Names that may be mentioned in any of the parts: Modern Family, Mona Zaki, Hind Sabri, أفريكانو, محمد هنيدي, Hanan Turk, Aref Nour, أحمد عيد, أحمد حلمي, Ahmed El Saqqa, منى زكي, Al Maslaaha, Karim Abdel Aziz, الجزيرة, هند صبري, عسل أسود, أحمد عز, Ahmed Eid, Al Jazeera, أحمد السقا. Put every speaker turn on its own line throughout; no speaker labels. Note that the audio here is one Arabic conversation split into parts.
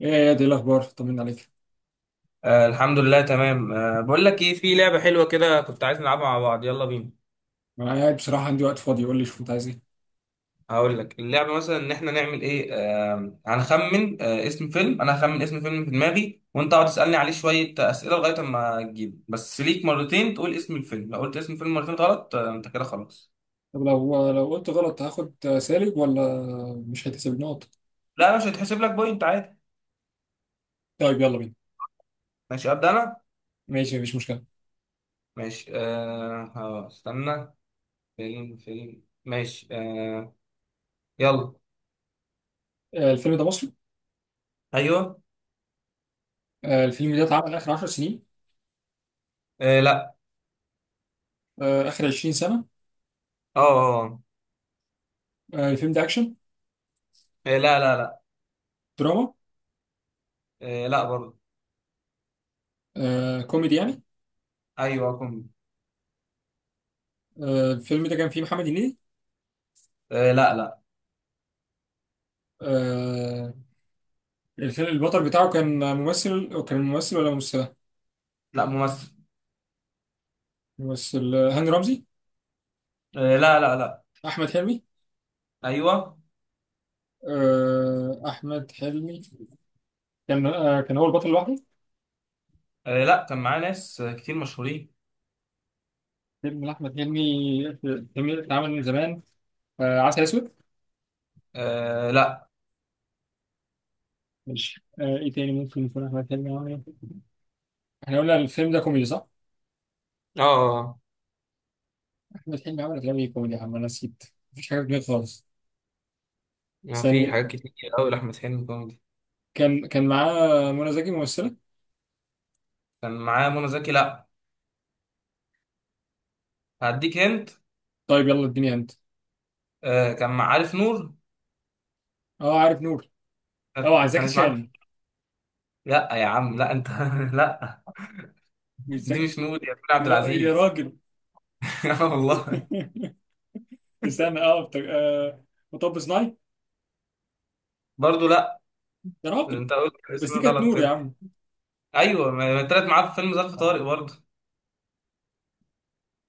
ايه يا دي الاخبار؟ طمنا عليك.
آه الحمد لله تمام. بقول لك ايه، في لعبة حلوة كده كنت عايز نلعبها مع بعض، يلا بينا.
انا قاعد بصراحه عندي وقت فاضي. قول لي، شوف انت عايز ايه.
هقول لك اللعبة مثلا ان احنا نعمل ايه. هنخمن اسم فيلم. انا هخمن اسم فيلم في دماغي وانت اقعد تسألني عليه شوية أسئلة لغاية اما تجيب. بس ليك مرتين تقول اسم الفيلم، لو قلت اسم الفيلم مرتين غلط انت كده خلاص.
طب لو قلت غلط هاخد سالب ولا مش هيتحسب نقط؟
لا، مش هيتحسب لك بوينت عادي.
طيب يلا بينا.
ماشي، ابدأ انا.
ماشي مفيش مشكله.
ماشي. ها، استنى. فيلم. ماشي. يلا.
الفيلم ده مصري.
ايوه.
الفيلم ده اتعمل اخر 10 سنين.
آه، لا.
اخر 20 سنه.
اه. آه.
الفيلم ده اكشن؟
آه، آه، لا، لا، لا.
دراما؟
آه، لا برضه.
كوميدي يعني.
ايوه، كوميدي.
الفيلم ده كان فيه محمد هنيدي.
آه، لا، لا،
آه، الفيلم البطل بتاعه كان ممثل، ولا ممثله؟
لا. ممثل.
ممثل. هاني رمزي.
آه، لا، لا، لا.
احمد حلمي.
ايوه.
احمد حلمي كان هو البطل لوحده.
آه، لا، كان معاه ناس كتير مشهورين.
فيلم لأحمد حلمي، فيلم اتعمل من زمان. عسل أسود.
آه، لا.
ماشي. إيه تاني ممكن يكون أحمد حلمي عمل إيه؟ إحنا قلنا الفيلم ده كوميدي صح؟
اه. آه.
أحمد حلمي عمل أفلام إيه كوميدي يا عم؟ أنا نسيت، مفيش حاجة في دماغي خالص.
ما في
ثانية.
حاجات كتير قوي لأحمد حلمي كوميدي.
كان معاه منى زكي ممثلة؟
كان معاه منى زكي؟ لا. هديك، هنت.
طيب يلا اديني هند.
كان مع عارف نور.
أه عارف نور. أه
كانت
زكي
كانت معاه.
شان.
لا يا عم، لا انت لا.
مش
دي
زكي.
مش نور، يا كريم عبد
يا, يا
العزيز.
راجل.
آه والله.
استنى. أه بت- آه، مطب صناعي.
برضه لا.
يا راجل،
انت قلت
بس
اسم
دي كانت
غلط
نور يا
كده.
عم.
ايوه، ما طلعت معاه في فيلم ظرف طارق برضه.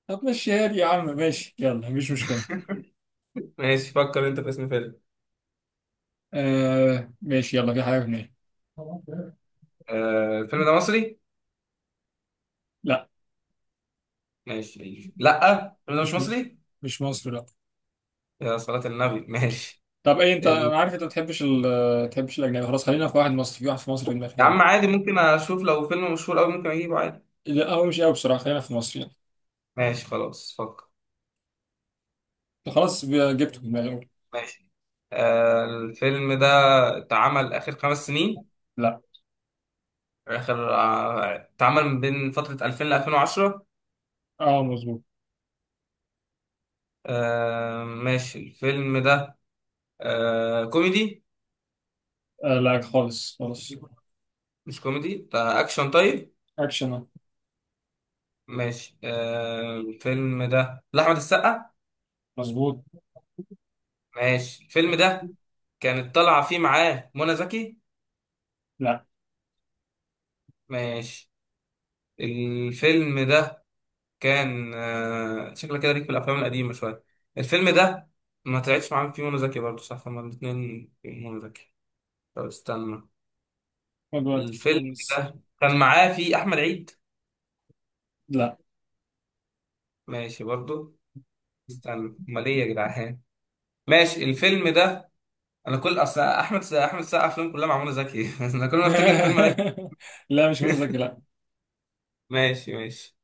طب مشيها لي يا عم، ماشي، يلا مفيش مشكلة.
ماشي، فكر انت في اسم فيلم.
ماشي يلا، في حاجة في دماغي.
آه، الفيلم ده مصري؟
لا.
ماشي، لا الفيلم ده مش
مش م...
مصري.
مش مصر، لا.
يا صلاة النبي، ماشي.
طب ايه انت؟ انا
ال...
عارف انت ما بتحبش الاجنبي. خلاص، خلينا في واحد مصري، في واحد في مصر في دماغي،
يا
يلا.
عم، عادي ممكن اشوف، لو فيلم مشهور قوي ممكن اجيبه عادي.
لا هو مش قوي بصراحة، خلينا في مصر يعني.
ماشي، خلاص، فكر.
خلاص جبته في دماغي أول.
ماشي. الفيلم ده اتعمل اخر 5 سنين؟
لا.
اخر اتعمل من بين فترة 2000 ل 2010؟
اه مظبوط.
آه، ماشي. الفيلم ده كوميدي؟
لا خالص خالص.
مش كوميدي، ده اكشن طيب.
اكشن آه.
ماشي. الفيلم ده لاحمد السقا؟
مظبوط.
ماشي. الفيلم ده كانت طالعة فيه معاه منى زكي؟
لا.
ماشي. الفيلم ده كان، شكلك كده ليك في الافلام القديمه شويه. الفيلم ده ما طلعتش معاهم فيه منى زكي برضه صح، هما الاثنين في منى زكي. طب استنى.
خد وقتك
الفيلم
خالص.
ده كان معاه فيه احمد عيد؟
لا.
ماشي برضه. استنى، امال ايه يا جدعان؟ ماشي، الفيلم ده. انا كل اصل احمد السقا افلام كلها مع منى زكي، انا كل ما افتكر الفيلم الاقي.
لا مش منى زكي لا.
ماشي ماشي.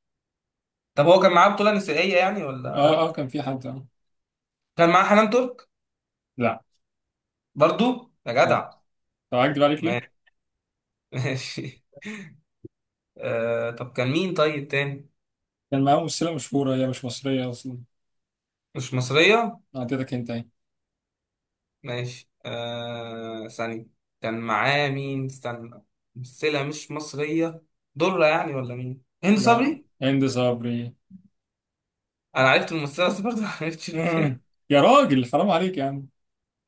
طب هو كان معاه بطولة نسائية يعني ولا
اه
لا؟
اه كان في حد آه.
كان معاه حنان ترك؟
لا
برضو؟ يا
لا.
جدع.
طب اكدب عليك ليه؟
ماشي. طب كان مين طيب تاني؟
كان معاه ممثلة مشهورة، هي مش مصرية اصلا.
مش مصرية؟
اعطيتك انت ايه؟
ماشي. ثانية. كان معاه مين؟ استنى. ممثلة مش مصرية. درة يعني؟ ولا مين؟ هند
لا.
صبري؟
هند صبري.
أنا عرفت الممثلة بس برضه ما عرفتش
مم.
الفيلم.
يا راجل حرام عليك يا عم.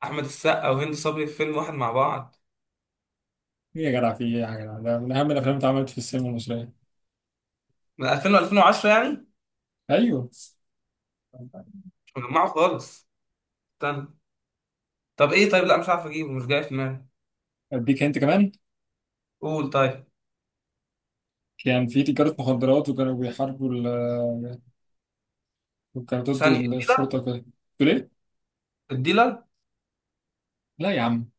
أحمد السقا وهند صبري في فيلم واحد مع بعض؟
ايه يا جدع؟ في ايه يا جدع؟ ده من اهم الافلام اللي اتعملت في السينما المصريه.
من 2000 و 2010 يعني؟
ايوه.
مش مجمعه خالص. استنى. طب إيه؟ طيب لا، مش عارف أجيبه، مش جاي في دماغي.
اديك هنت كمان.
قول طيب.
كان في تجاره مخدرات، وكانوا بيحاربوا وكانوا ضد
ثانية، الديلر.
الشرطه كده. تقول ايه؟
الديلر.
لا يا عم.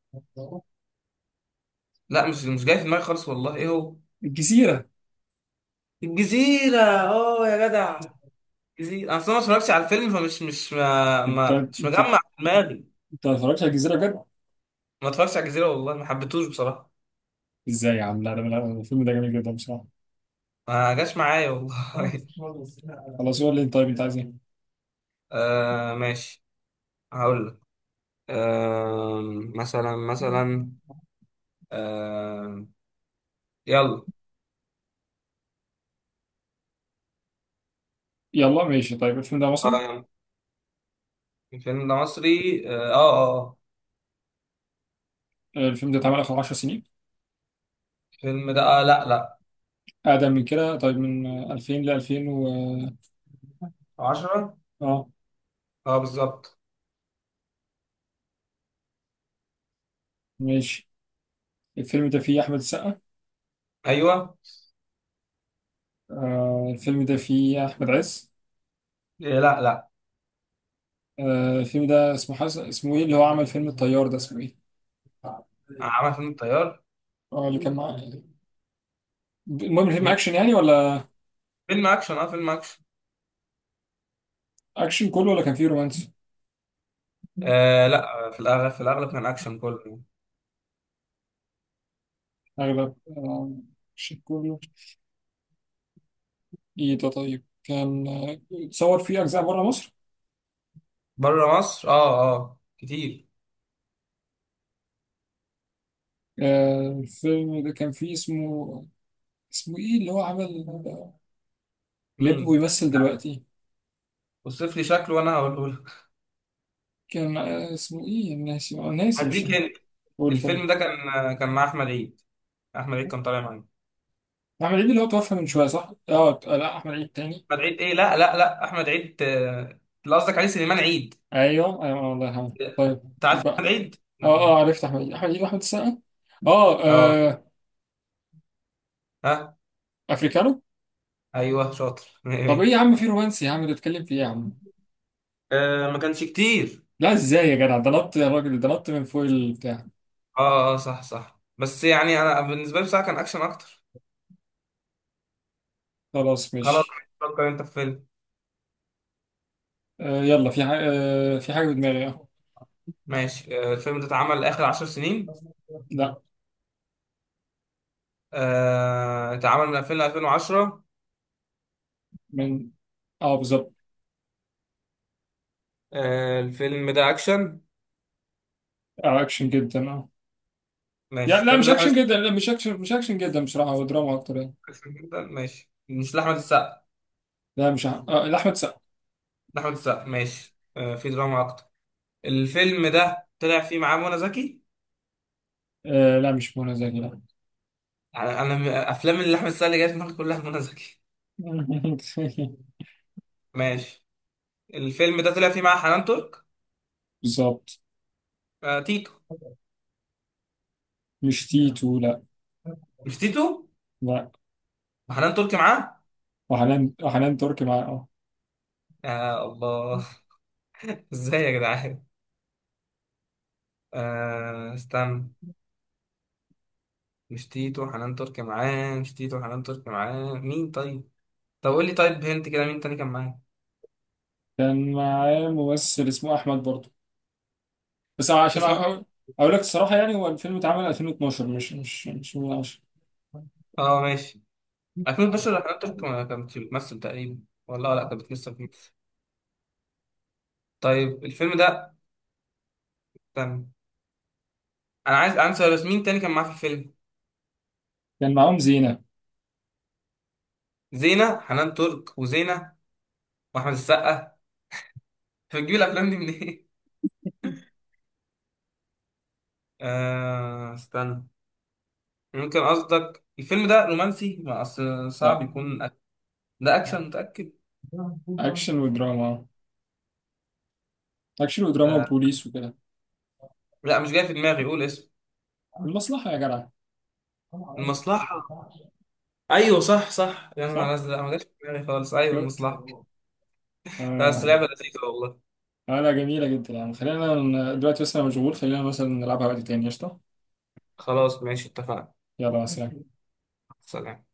لا، مش جاي في دماغي خالص والله، إيه هو؟
الجزيره.
الجزيرة! أه يا جدع. جزيرة، اصل انا ما اتفرجتش على الفيلم فمش مش ما
انت
ما مش
انت
مجمع في دماغي.
انت ما اتفرجتش على الجزيره بجد؟
ما اتفرجتش على الجزيرة والله، ما حبيتهوش بصراحة.
ازاي يا عم؟ لا، ده الفيلم ده جميل جدا بصراحه.
ما جاش معايا والله.
خلاص هو اللي. طيب انت عايز ايه؟
آه، ماشي. هقول لك. آه مثلا مثلا. آه يلا.
يلا ماشي. طيب الفيلم ده مصري.
آه، الفيلم ده مصري، اه اه آه.
الفيلم ده اتعمل اخر 10 سنين.
الفيلم ده لا لا.
أقدم من كده؟ طيب من 2000 ل 2000 و...
10.
آه،
اه، بالظبط.
ماشي. الفيلم ده فيه أحمد السقا.
ايوه.
آه الفيلم ده فيه أحمد عز.
إيه، لا لا.
آه الفيلم ده اسمه اسمه إيه؟ اللي هو عمل فيلم الطيار ده اسمه إيه؟
عمل فيلم الطيار؟
آه اللي كان معاه. المهم الفيلم
مين؟
أكشن يعني ولا؟
فيلم اكشن، اه فيلم اكشن.
أكشن كله ولا كان فيه رومانسي؟
آه، لا، في الاغلب في الاغلب كان اكشن كله.
أغلب أكشن كله. إيه ده طيب؟ كان اتصور فيه أجزاء بره مصر.
بره مصر، اه اه، كتير.
آه الفيلم ده كان فيه اسمه، اسمه إيه اللي هو عمل، اللي ابنه
مين؟
بيمثل دلوقتي؟
وصف لي شكله وانا هقوله لك.
اسمه ايه؟ ناسي ناسي، مش.
هديك هنا.
قول طيب.
الفيلم ده كان مع احمد عيد؟ احمد عيد كان طالع معايا.
احمد عيد اللي هو توفى من شويه صح؟ اه لا، احمد عيد تاني.
احمد عيد ايه؟ لا، لا، لا. احمد عيد اللي قصدك عليه سليمان عيد.
ايوه ايوه الله يرحمه. طيب،
انت عارف
يبقى.
احمد عيد؟
اه
لا.
اه عرفت، احمد عيد واحمد السقا. اه
اه.
آه.
ها.
افريكانو.
ايوه، شاطر.
طب ايه
ايه؟
يا عم؟ في رومانسي يا عم، بتتكلم في ايه يا عم؟
ما كانش كتير.
لا ازاي يا جدع؟ ده نط يا راجل، ده نط من فوق البتاع.
اه اه، صح صح، بس يعني انا بالنسبه لي بصراحه كان اكشن اكتر.
خلاص
خلاص.
ماشي.
فكر انت في فيلم.
يلا في حاجه. في حاجه في دماغي آه.
ماشي. الفيلم ده اتعمل اخر 10 سنين؟
لا.
اتعمل من 2000 ل 2010؟
من. اه بالظبط.
الفيلم ده اكشن؟
اكشن جدا اه.
ماشي.
يعني لا
الفيلم
مش
ده لاحمد
اكشن جدا، لا مش اكشن، مش اكشن جدا بصراحه، هو دراما اكتر يعني.
السقا جداً؟ ماشي، مش لاحمد السقا؟
لا مش ع- آه لأحمد سقا.
لاحمد السقا، ماشي. في دراما اكتر. الفيلم ده طلع فيه معاه منى زكي؟
آه لا مش منى زكي لا.
انا افلام اللي احمد السقا اللي جايه في دماغي كلها منى زكي. ماشي. الفيلم ده طلع فيه معاه حنان ترك؟
بالظبط.
تيتو؟
مش تيتو لا.
مش تيتو؟
لا.
وحنان ترك معاه.
وحنان تركي مع اه.
يا الله. ازاي يا جدعان؟ استنى. مش تيتو، حنان ترك معاه، مش تيتو، حنان ترك معاه مين طيب؟ طب قول لي طيب، هنت كده، مين تاني كان معايا؟
كان معاه ممثل اسمه أحمد برضه، بس عشان
اسمه احمد؟
أقول لك الصراحة يعني، هو الفيلم اتعمل 2012، مش من 10.
اه، ماشي. 2012 حنان ترك ما كانت بتمثل تقريبا. والله لا، كانت بتمثل فيه. طيب الفيلم ده. تمام. انا عايز، عندي سؤال، مين تاني كان معاه في الفيلم؟
كان معاهم زينة.
زينة؟ حنان ترك وزينة. واحمد السقا. بتجيب الافلام دي منين؟ استنى. ممكن قصدك الفيلم ده رومانسي؟ ما اصل صعب
لا.
يكون ده اكشن؟ متأكد؟
أكشن ودراما. أكشن ودراما
آه.
وبوليس وكده.
لا، مش جاي في دماغي، قول اسمه.
المصلحة يا جدع.
المصلحة؟ ايوه، صح صح، يا نهار
صح؟
ازرق، ما جاش في دماغي خالص، ايوه
شفت؟
المصلحة. بس
آه.
لعبة لذيذة والله.
لا جميلة جدا يعني. خلينا دلوقتي بس أنا مشغول، خلينا مثلا نلعبها وقت تاني. قشطة.
خلاص ماشي، اتفقنا.
يلا مع السلامة.
سلام.